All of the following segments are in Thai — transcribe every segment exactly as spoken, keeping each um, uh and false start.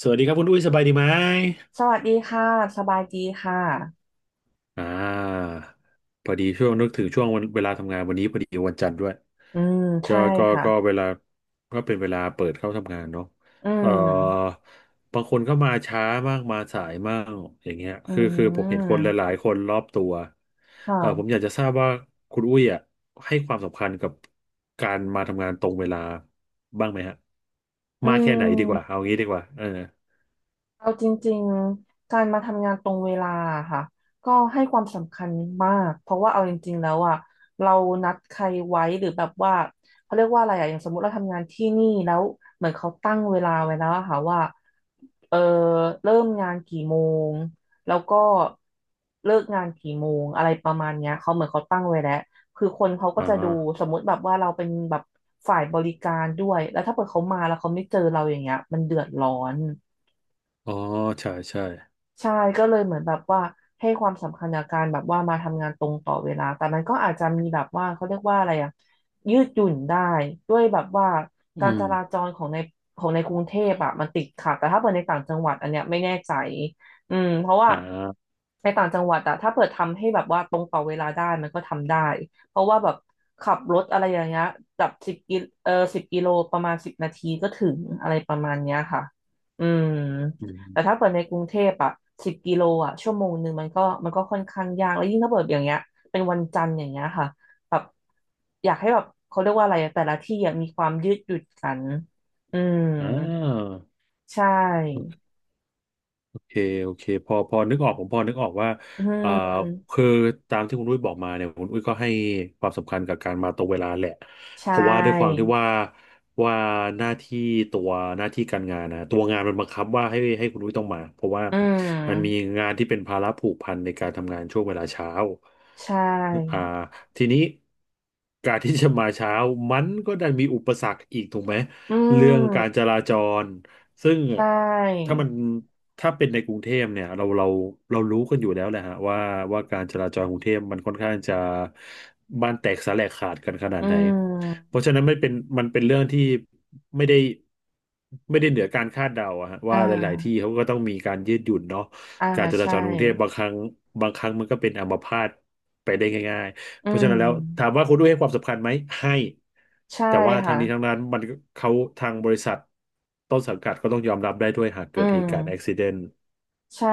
สวัสดีครับคุณอุ้ยสบายดีไหมสวัสดีค่ะสบายดีค่ะ อ่าพอดีช่วงนึกถึงช่วงวันเวลาทำงานวันนี้พอดีวันจันทร์ด้วยอืมก็ใช่ก็ค่ะ ก็เวลาก็เป็นเวลาเปิดเข้าทำงานเนาะอืเอ่อมบางคนก็มาช้ามากมาสายมากอย่างเงี้ยอืคือคือผมเห็นคนหมลายๆคนรอบตัวคเอ่อผมอ่ะ ยากจะทราบว่าคุณอุ้ยอ่ะให้ความสำคัญกับการมาทำงานตรงเวลาบ้างไหมฮะอืมากแค่ไหนดีกว่าเอาม งี้ดีกว่าเออเอาจริงๆ การมาทำงานตรงเวลาอะค่ะก็ให้ความสำคัญมากเพราะว่าเอาจริงๆแล้วอ่ะเรานัดใครไว้หรือแบบว่าเขาเรียกว่าอะไรอ่ะอย่างสมมติเราทำงานที่นี่แล้วเหมือนเขาตั้งเวลาไว้แล้วอะค่ะว่าเออเริ่มงานกี่โมงแล้วก็เลิกงานกี่โมงอะไรประมาณเนี้ยเขาเหมือนเขาตั้งไว้แล้วคือคนเขาก็อ๋อจะดูสมมติแบบว่าเราเป็นแบบฝ่ายบริการด้วยแล้วถ้าเกิดเขามาแล้วเขาไม่เจอเราอย่างเงี้ยมันเดือดร้อน อ๋อใช่ใช่ ใช่ก็เลยเหมือนแบบว่าให้ความสำคัญกับการแบบว่ามาทำงานตรงต่อเวลาแต่มันก็อาจจะมีแบบว่าเขาเรียกว่าอะไรอะยืดหยุ่นได้ด้วยแบบว่าอืการจมราจรของในของในกรุงเทพอะมันติดขัดแต่ถ้าเปิดในต่างจังหวัดอันเนี้ยไม่แน่ใจอืมเพราะว่าอ่าในต่างจังหวัดอะถ้าเปิดทำให้แบบว่าตรงต่อเวลาได้มันก็ทำได้เพราะว่าแบบขับรถอะไรอย่างเงี้ยแบบสิบกิเออสิบกิโลประมาณสิบนาทีก็ถึงอะไรประมาณเนี้ยค่ะอืม อืแต่ถ้ามเปิดในกรุงเทพอะสิบกิโลอะชั่วโมงหนึ่งมันก็มันก็ค่อนข้างยากแล้วยิ่งถ้าเปิดอย่างเงี้ยเป็นวันจันทร์อย่างเงี้ยค่ะแบบอยากให้แบบเขาเรียกว่าอะไรอะแต่ละที่อะมีความยืดหยุ่นกันอืมอ่า ใช่โอเคโอเคพอพอนึกออกผมพอนึกออกว่าอืเอ่อมคือตามที่คุณอุ้ยบอกมาเนี่ยคุณอุ้ยก็ให้ความสำคัญกับการมาตรงเวลาแหละใช่เพราะว่าด้วยความที่ว่าว่าหน้าที่ตัวหน้าที่การงานนะตัวงานมันบังคับว่าให้ให้คุณอุ้ยต้องมาเพราะว่าอืมันมีมงานที่เป็นภาระผูกพันในการทำงานช่วงเวลาเช้าใชอ่า่ทีนี้การที่จะมาเช้ามันก็ดันมีอุปสรรคอีกถูกไหมอืเรื่องการมจราจร ซึ่งใช่ถ้ามันถ้าเป็นในกรุงเทพเนี่ยเราเราเรารู้กันอยู่แล้วแหละฮะว่าว่าการจราจรกรุงเทพมันค่อนข้างจะบ้านแตกสาแหลกขาดกันขนาอืดไหนเพมราะฉะนั้นไม่เป็นมันเป็นเรื่องที่ไม่ได้ไม่ได้เหนือการคาดเดาอะฮะอ่ว่าหลายๆที่าเขาก็ต้องมีการยืดหยุ่นเนาะอ่าการจราใช่จรกรุงเทพบางครั้งบางครั้งมันก็เป็นอัมพาตไปได้ง่าย อืเพราะฉะนั้มนแล้วถามว่าคุณด้วยให้ความสำคัญไหมให้ใช่แต่ว่าทาค่ะงนี้ทางนั้นมันเขาทางบริษัทต้นสังกัดก็ต้องยอมรับได้ด้วยหากอืเกิดเหตุการณ์อุบัติม เหตุใช่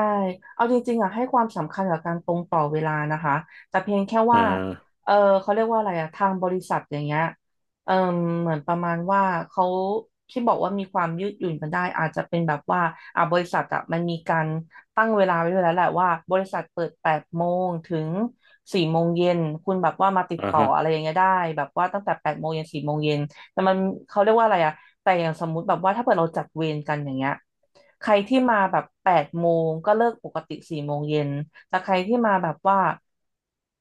เอาจริงๆอ่ะให้ความสำคัญกับการตรงต่อเวลานะคะ แต่เพียงแค่อ่ว่าาเออเขาเรียกว่าอะไรอ่ะทางบริษัทอย่างเงี้ยเออเหมือนประมาณว่าเขาที่บอกว่ามีความยืดหยุ่นกันได้อาจจะเป็นแบบว่าอ่ะบริษัทอ่ะมันมีการตั้งเวลาไว้ด้วยแล้วแหละว่าบริษัทเปิดแปดโมงถึงสี่โมงเย็นคุณแบบว่ามาติดอ่าต่อฮะอะไรอย่างเงี้ยได้แบบว่าตั้งแต่แปดโมงเย็นสี่โมงเย็น แต่มันเขาเรียกว่าอะไรอะแต่อย่างสมมุติแบบว่าถ้าเกิดเราจัดเวรกันอย่างเงี้ยใครที่มาแบบแปดโมงก็เลิกปกติสี่โมงเย็นแต่ใครที่มาแบบว่า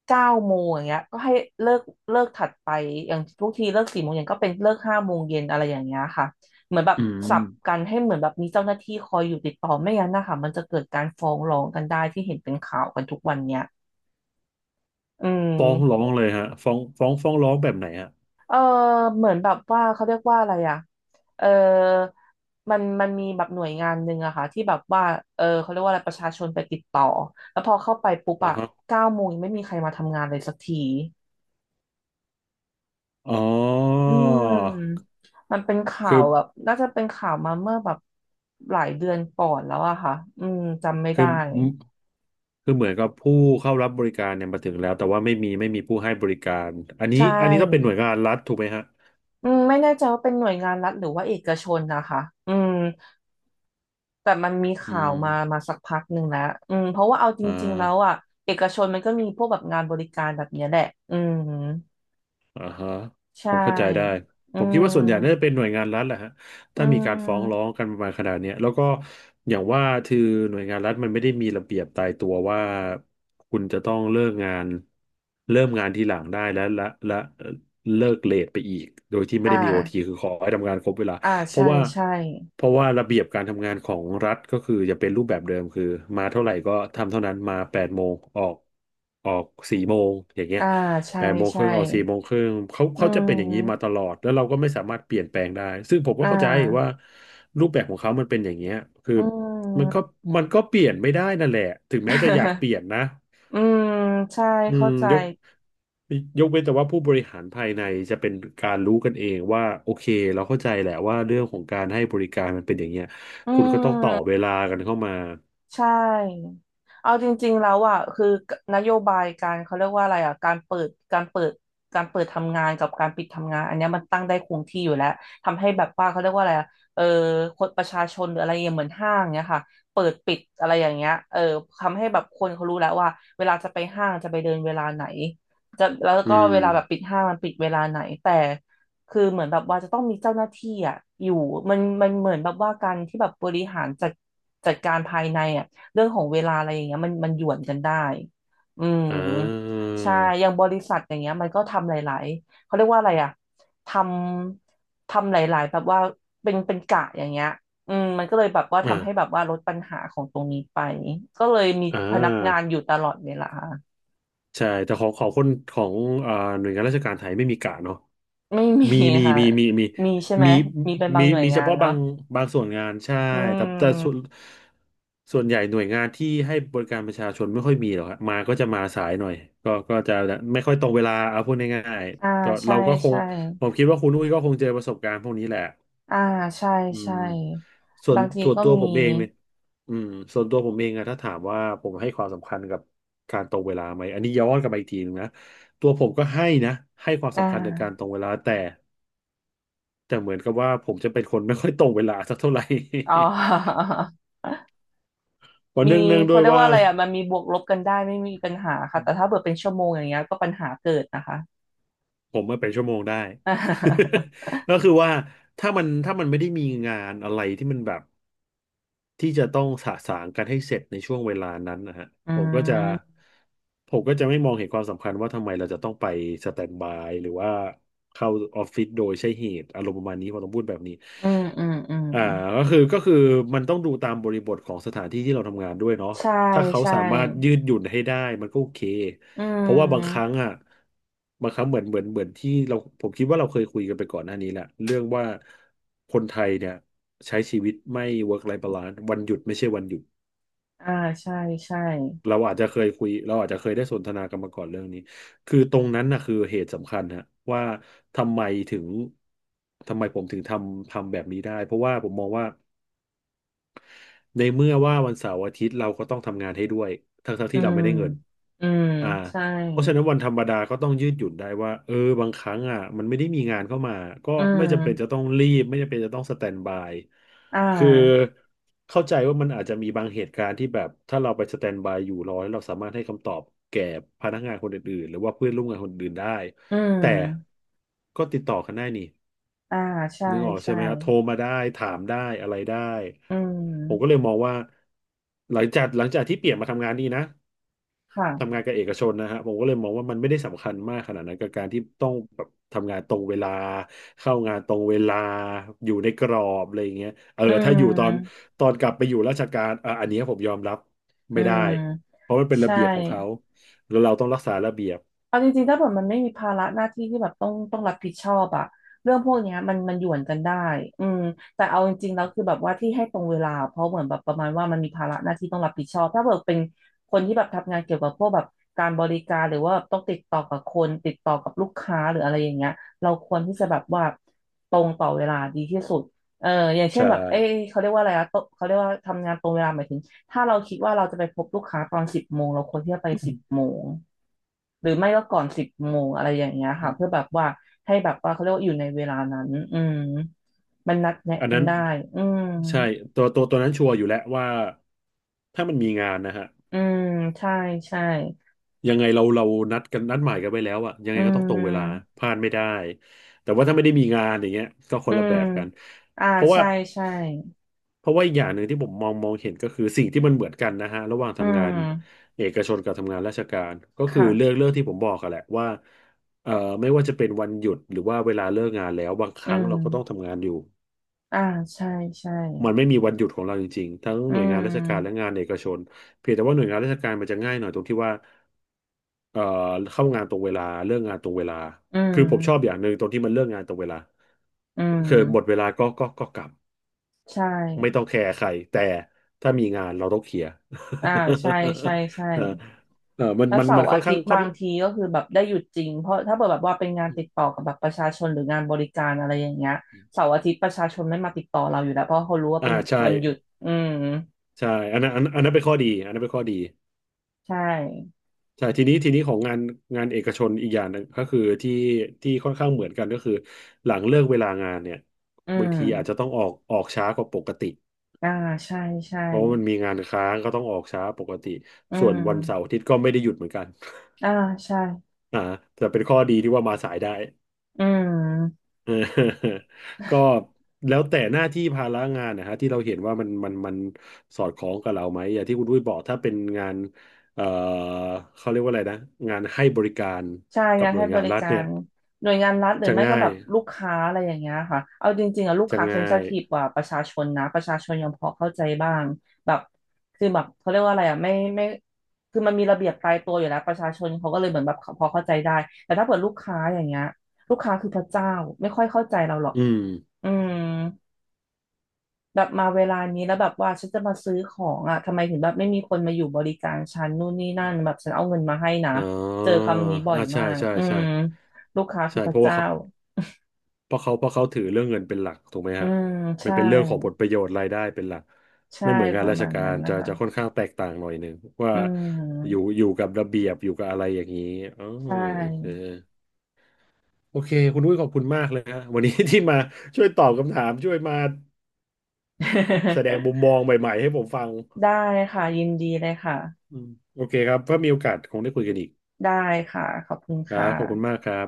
เก้าโมงอย่างเงี้ยก็ให้เลิกเลิกถัดไปอย่างทุกทีเลิกสี่โมงเย็นก็เป็นเลิกห้าโมงเย็นอะไรอย่างเงี้ยค่ะเหมือนแบบอืสัมบกันให้เหมือนแบบมีเจ้าหน้าที่คอยอยู่ติดต่อไม่งั้นนะคะมันจะเกิดการฟ้องร้องกันได้ที่เห็นเป็นข่าวกันทุกวันเนี้ยอืฟ้องร้อม งเลยฮะฟ้องฟ้องฟ้องร้องแบบไหนฮะเออเหมือนแบบว่าเขาเรียกว่าอะไรอ่ะเออมันมันมีแบบหน่วยงานหนึ่งอะค่ะที่แบบว่าเออเขาเรียกว่าอะไรประชาชนไปติดต่อแล้วพอเข้าไปปุ๊บอ่าอะฮะเก้าโมงยังไม่มีใครมาทำงานเลยสักทีอ๋ออืมมันเป็นข่าคือวแบบน่าจะเป็นข่าวมาเมื่อแบบหลายเดือนก่อนแล้วอะค่ะอืมจำไม่คืได้อคือเหมือนกับผู้เข้ารับบริการเนี่ยมาถึงแล้วแต่ว่าไม่มีไม่มีผู้ให้บริการอันนี้ใช่อันนี้ต้องเป็นหน่วยงานรัฐถูกไหมฮะอืมไม่แน่ใจว่าเป็นหน่วยงานรัฐหรือว่าเอกชนนะคะอืม แต่มันมีอืข่าวมมามาสักพักหนึ่งแล้วอืมเพราะว่าเอาจอ่ริงๆแล้วอ่ะ า เอกชนมันก็มีพวกแบบงานบริการแบบเนี้ยแหละอืมอ่าฮะใชผมเข้าใจได้่อืผมคิดว่าส่วนใหญ่น่าจะมเป็นหน่วยงานรัฐแหละฮะอืถ้ามีการฟ้องร้อมงกันประมาณขนาดเนี้ยแล้วก็อย่างว่าคือหน่วยงานรัฐมันไม่ได้มีระเบียบตายตัวว่าคุณจะต้องเลิกงานเริ่มงานทีหลังได้และและและเลิกเลทไปอีกโดยที่ไม่อ่ได้มีโอทีาคือขอให้ทำงานครบเวลาอ่าเพใช่ราะว่าใช่เพราะว่าระเบียบการทำงานของรัฐก็คือจะเป็นรูปแบบเดิมคือมาเท่าไหร่ก็ทำเท่านั้นมาแปดโมงออกออกสี่โมงอย่างเงี้ย อ่าใช่แปดโมงคใช่รึ่งออกสี่โมงครึ่งเขาอืเขาจะเป็นอย่างนี้มาตมลอดแล้วเราก็ไม่สามารถเปลี่ยนแปลงได้ซึ่งผมก็อ่เข้าใจว่าารูปแบบของเขามันเป็นอย่างเงี้ยคืออืมันก็ม มันก็เปลี่ยนไม่ได้นั่นแหละถึงแม้จะอยากเปลี่ยนนะ อืมใช่ อืเข้ามใจยกยกเว้นแต่ว่าผู้บริหารภายในจะเป็นการรู้กันเองว่าโอเคเราเข้าใจแหละว่าเรื่องของการให้บริการมันเป็นอย่างเงี้ยอืคุณก็ต้องต่อเวม ลากันเข้ามาใช่เอาจริงๆแล้วอ่ะคือนโยบายการเขาเรียกว่าอะไรอ่ะการเปิดการเปิดการเปิดทำงานกับการปิดทำงานอันเนี้ยมันตั้งได้คงที่อยู่แล้วทำให้แบบว่าเขาเรียกว่าอะไรอ่ะเออคนประชาชนหรืออะไรอย่างเงี้ยเหมือนห้างเนี้ยค่ะเปิดปิดอะไรอย่างเงี้ยเออทำให้แบบคนเขารู้แล้วว่าเวลาจะไปห้างจะไปเดินเวลาไหนจะแล้วก็อืเวมลาแบบปิดห้างมันปิดเวลาไหนแต่ คือเหมือนแบบว่าจะต้องมีเจ้าหน้าที่อ่ะอยู่มันมันเหมือนแบบว่าการที่แบบบริหารจัดจัดการภายในอ่ะเรื่องของเวลาอะไรอย่างเงี้ยมันมันหย่วนกันได้อืมอ่าใช่อย่างบริษัทอย่างเงี้ยมันก็ทำหลายๆเขาเรียกว่าอะไรอ่ะทำทำหลายๆแบบว่าเป็นเป็นกะอย่างเงี้ยอืมมันก็เลยแบบว่าทำอ่าให้แบบว่าลดปัญหาของตรงนี้ไปก็เลยมีอ่พนักงานอา ยู่ตลอดเวลาใช่แต่ของของคนของเอ่อหน่วยงานราชการไทยไม่มีกะเนาะไม่มีมีมีค่ะมีมีมีมีใช่ไหมมีมีเป็นบามีงหน่วยมีเฉงานพาะบาเนาะงบางส่วนงานใช่อืแต่แต่ส่วนม ส่วนใหญ่หน่วยงานที่ให้บริการประชาชนไม่ค่อยมีหรอกครับมาก็จะมาสายหน่อยก็ก็จะไม่ค่อยตรงเวลาเอาพูดง่ายอ่าๆก็ใช่เราก็คงใช่ผมคิดว่าคุณอุ้ยก็คงเจอประสบการณ์พวกนี้แหละ อ่าใช่อืมใช่ส่วนบางทีส่วนก็ตัวมีผมเองเนี่ยอืมส่วนตัวผมเองอะถ้าถามว่าผมให้ความสำคัญกับการตรงเวลาไหมอันนี้ย้อนกลับไปอีกทีหนึงนะตัวผมก็ให้นะให้ความอ่สำคัญกับการาตรงเวลาแต่แต่เหมือนกับว่าผมจะเป็นคนไม่ค่อยตรงเวลาสักเท่าไหร่ อ๋อ เพ ราะมีเนื่องเนื่องด้เขาวยเรียกว่าว่าอะไรอ่ะมันมีบวกลบกันได้ไม่มีปัญหาค่ะแต่ถ้าเกิดเป็นชั่วโมงอย่างเงี้ยก็ปัญหาเกิดนะคะ ผมมาเป็นชั่วโมงได้ ก็คือว่าถ้ามันถ้ามันไม่ได้มีงานอะไรที่มันแบบ ที่จะต้องสะสางกันให้เสร็จในช่วงเวลานั้นนะฮะอืผมก็จะมผมก็จะไม่มองเห็นความสำคัญว่าทำไมเราจะต้องไปสแตนด์บายหรือว่าเข้าออฟฟิศโดยใช่เหตุอารมณ์ประมาณนี้พอต้องพูดแบบนี้ อืมอืมอืมอ่าก็คือก็คือมันต้องดูตามบริบทของสถานที่ที่เราทำงานด้วยเนาะใช่ถ้าเขาใช่สามารถยืดหยุ่นให้ได้มันก็โอเคอืเพราะว่าบางครั้งมอ่ะบางครั้งเหมือนเหมือนเหมือนที่เราผมคิดว่าเราเคยคุยกันไปก่อนหน้านี้แหละเรื่องว่าคนไทยเนี่ยใช้ชีวิตไม่ เวิร์ค ไลฟ์ บาลานซ์ วันหยุดไม่ใช่วันหยุดอ่าใช่ใช่เราอาจจะเคยคุยเราอาจจะเคยได้สนทนากันมาก่อนเรื่องนี้คือตรงนั้นนะคือเหตุสำคัญฮะว่าทำไมถึงทำไมผมถึงทำทำแบบนี้ได้เพราะว่าผมมองว่า ในเมื่อว่าวันเสาร์อาทิตย์เราก็ต้องทำงานให้ด้วยทั้งๆทอืที่เรามไม่ได้เงินอืมอ่าใช่เพราะฉะนั้นวันธรรมดาก็ต้องยืดหยุ่นได้ว่าเออบางครั้งอ่ะมันไม่ได้มีงานเข้ามาก็อืไม่จำเป็นมจะต้องรีบไม่จำเป็นจะต้องสแตนบายอ่คือาเข้าใจว่ามันอาจจะมีบางเหตุการณ์ที่แบบถ้าเราไปสแตนบายอยู่รอแล้วเราสามารถให้คำตอบแก่พนักงานคนอื่นๆหรือว่าเพื่อนร่วมงานคนอื่นได้อืแต่มก็ติดต่อกันได้นี่ อ่าใช่นึกออกใช่ใช่ไหมฮะโทรมาได้ถามได้อะไรได้อืผมก็เลมยมองว่าหลังจากหลังจากที่เปลี่ยนมาทำงานนี้นะทำค่ะ งานกับเอกชนนะฮะผมก็เลยมองว่ามันไม่ได้สำคัญมากขนาดนั้นกับการที่ต้องแบบทำงานตรงเวลาเข้างานตรงเวลาอยู่ในกรอบอะไรอย่างเงี้ยเอออืถ้าอยู่ตอนมตอนกลับไปอยู่ราชการอ่ะอันเนี้ยผมยอมรับอืไม่ได้มเพราะมันเป็นใช่ ระเบียบของเขาแล้วเราต้องรักษาระเบียบเอาจริงๆถ้าแบบมันไม่มีภาระหน้าที่ที่แบบต้องต้องรับผิดชอบอะเรื่องพวกเนี้ยมันมันหยวนกันได้อืมแต่เอาจริงๆแล้วคือแบบว่าที่ให้ตรงเวลาเพราะเหมือนแบบประมาณว่ามันมีภาระหน้าที่ต้องรับผิดชอบถ้าแบบเป็นคนที่แบบทำงานเกี่ยวกับพวกแบบการบริการหรือว่าแบบต้องติดต่อกับคนติดต่อกับลูกค้าหรืออะไรอย่างเงี้ยเราควรที่จะแบบว่าตรงต่อเวลาดีที่สุดเอออย่างเช่นใช่ แบบเอ้ยเขาเรียกว่าอะไรอะโตเขาเรียกว่าทำงานตรงเวลาหมายถึงถ้าเราคิดว่าเราจะไปพบลูกค้าตอนสิบโมงเราควรที่จะไปสิบโมง หรือไม่ก็ก่อนสิบโมงอะไรอย่างเงี้ยค่ะเพื่อแบบว่าให้แบบว่าเขาเรียกว่าอยู่ในเวลานั้นอืมมันนัดแนะอันกันนั้นได้อืมใช่ตัวตัวตัวนั้นชัวร์อยู่แล้วว่าถ้ามันมีงานนะฮะอืมใช่ใช่ยังไงเราเรานัดกันนัดหมายกันไว้แล้วอะยังอืไงก็ต้องตรงเวลามพลาดไม่ได้แต่ว่าถ้าไม่ได้มีงานอย่างเงี้ยก็คอืนละมแบบกันอ่าเพราะว่าใช่ใช่เพราะว่าอีกอย่างหนึ่งที่ผมมองมองเห็นก็คือสิ่งที่มันเหมือนกันนะฮะระหว่างอืทำงานมเอกชนกับทำงานราชการก็คือเรื่องค่ะเรื่องที่ผมบอกกันแหละว่าเอ่อไม่ว่าจะเป็นวันหยุดหรือว่าเวลาเลิกงานแล้วบางคอืรั้งมเราก็ต้องทำงานอยู่ อ่าใช่ใช่มันไม่มีวันหยุดของเราจริงๆทั้งอืหน่วยงานราชการและมงานเอกชนเพียงแต่ว่าหน่วยงานราชการมันจะง่ายหน่อยตรงที่ว่าเอ่อเข้างานตรงเวลาเลิกงานตรงเวลาอืคือผมชอบอมย่างหนึ่งตรงที่มันเลิกงานตรงเวลาอืคือหมดเวมลาก็ก็ก็กลับใช่ไม่ต้องแคร์ใครแต่ถ้ามีงานเราต้องเคลียร์ อ่าใช่ใช่ใช่ เออเออมันแล้วมันเสามันร์ค่ออานทิข้าตงย์ค่อบานงทีก็คือแบบได้หยุดจริงเพราะถ้าเกิดแบบว่าเป็นงานติดต่อกับแบบประชาชนหรืองานบริการอะไรอย่างเงี้ยเสาร์อาทิตย์ประชาชนไม่มาติดต่อเราอยู่แล้วเพราะเขารู้ว่าอ่าเป็นใช่วันหยุดอืมใช่อันนั้นอันนั้นอันนั้นเป็นข้อดีอันนั้นเป็นข้อดี ใช่ใช่ทีนี้ทีนี้ของงานงานเอกชนอีกอย่างหนึงก็คือที่ที่ค่อนข้างเหมือนกันก็คือหลังเลิกเวลางานเนี่ยอืบางทีอาจจะมต้องออกออกช้ากว่าปกติอ่าใช่ใช่เพราะว่ามันมีงานค้างก็ต้องออกช้าปกติอืส่วนวันเสาร์มอาทิตย์ก็ไม่ได้หยุดเหมือนกัน อ่าใช่ อ่าแต่เป็นข้อดีที่ว่ามาสายได้ อืม เออก็แล้วแต่หน้าที่ภาระงานนะฮะที่เราเห็นว่ามันมันมันสอดคล้องกับเราไหมอย่างที่คุณดุ้ยบอกถ้าเป็นงานเอ่อเขาเรียกว่าอะไรนะงานให้บริการใช่กับงานหน่ให้วยบงานริรัฐกาเนี่รย หน่วยงานรัฐหรือจะไม่ก็ง่าแบยบลูกค้าอะไรอย่างเงี้ยค่ะเอาจริงๆอะลูกจะค้าเซน ง่า i ิยทีฟกว่าประชาชนนะประชาชนยังพอเข้าใจบ้างแบบคือแบบเขาเรียกว่าอะไรอะไม่ไม่คือมันมีระเบียบตายตัวอยู่แล้วประชาชนเขาก็เลยเหมือนแบบพอเข้าใจได้แต่ถ้าเปิดลูกค้าอย่างเงี้ยลูกค้าคือพระเจ้าไม่ค่อยเข้าใจเราหรอกอืมอืม แบบมาเวลานี้แล้วแบบว่าฉันจะมาซื้อของอ่ะทำไมถึงแบบไม่มีคนมาอยู่บริการฉันนู่นนี่นั่นแบบฉันเอาเงินมาให้นะอ๋เจออคำนี้บ่ออ่ายใช่ มากใช่ อืใช่มลูกค้าคืใช่อพเพระราะว่าเจ้าเขาเพราะเขาเพราะเขาถือเรื่องเงินเป็นหลักถูกไหมอืฮะมมันใช่เป็นเรื่องของผลประโยชน์รายได้เป็นหลักใช่ไม่เหมือนงาปนระราชมาณกานั้รนนะจะคะจะค่อนข้างแตกต่างหน่อยหนึ่งว่าอือยู่มอยู่กับระเบียบอยู่กับอะไรอย่างนี้อ๋อใช่ โอเคโอเค คุณอุ้ยขอบคุณมากเลยฮะวันนี้ที่มาช่วยตอบคำถาม ช่วยมาแสดงมุ มมองใหม่ๆให้ผมฟังได้ค่ะยินดีเลยค่ะอืมโอเคครับถ้ามีโอกาสคงได้คุยกันอีกได้ค่ะขอบคุณครัค่ะบขอบคุณมากครับ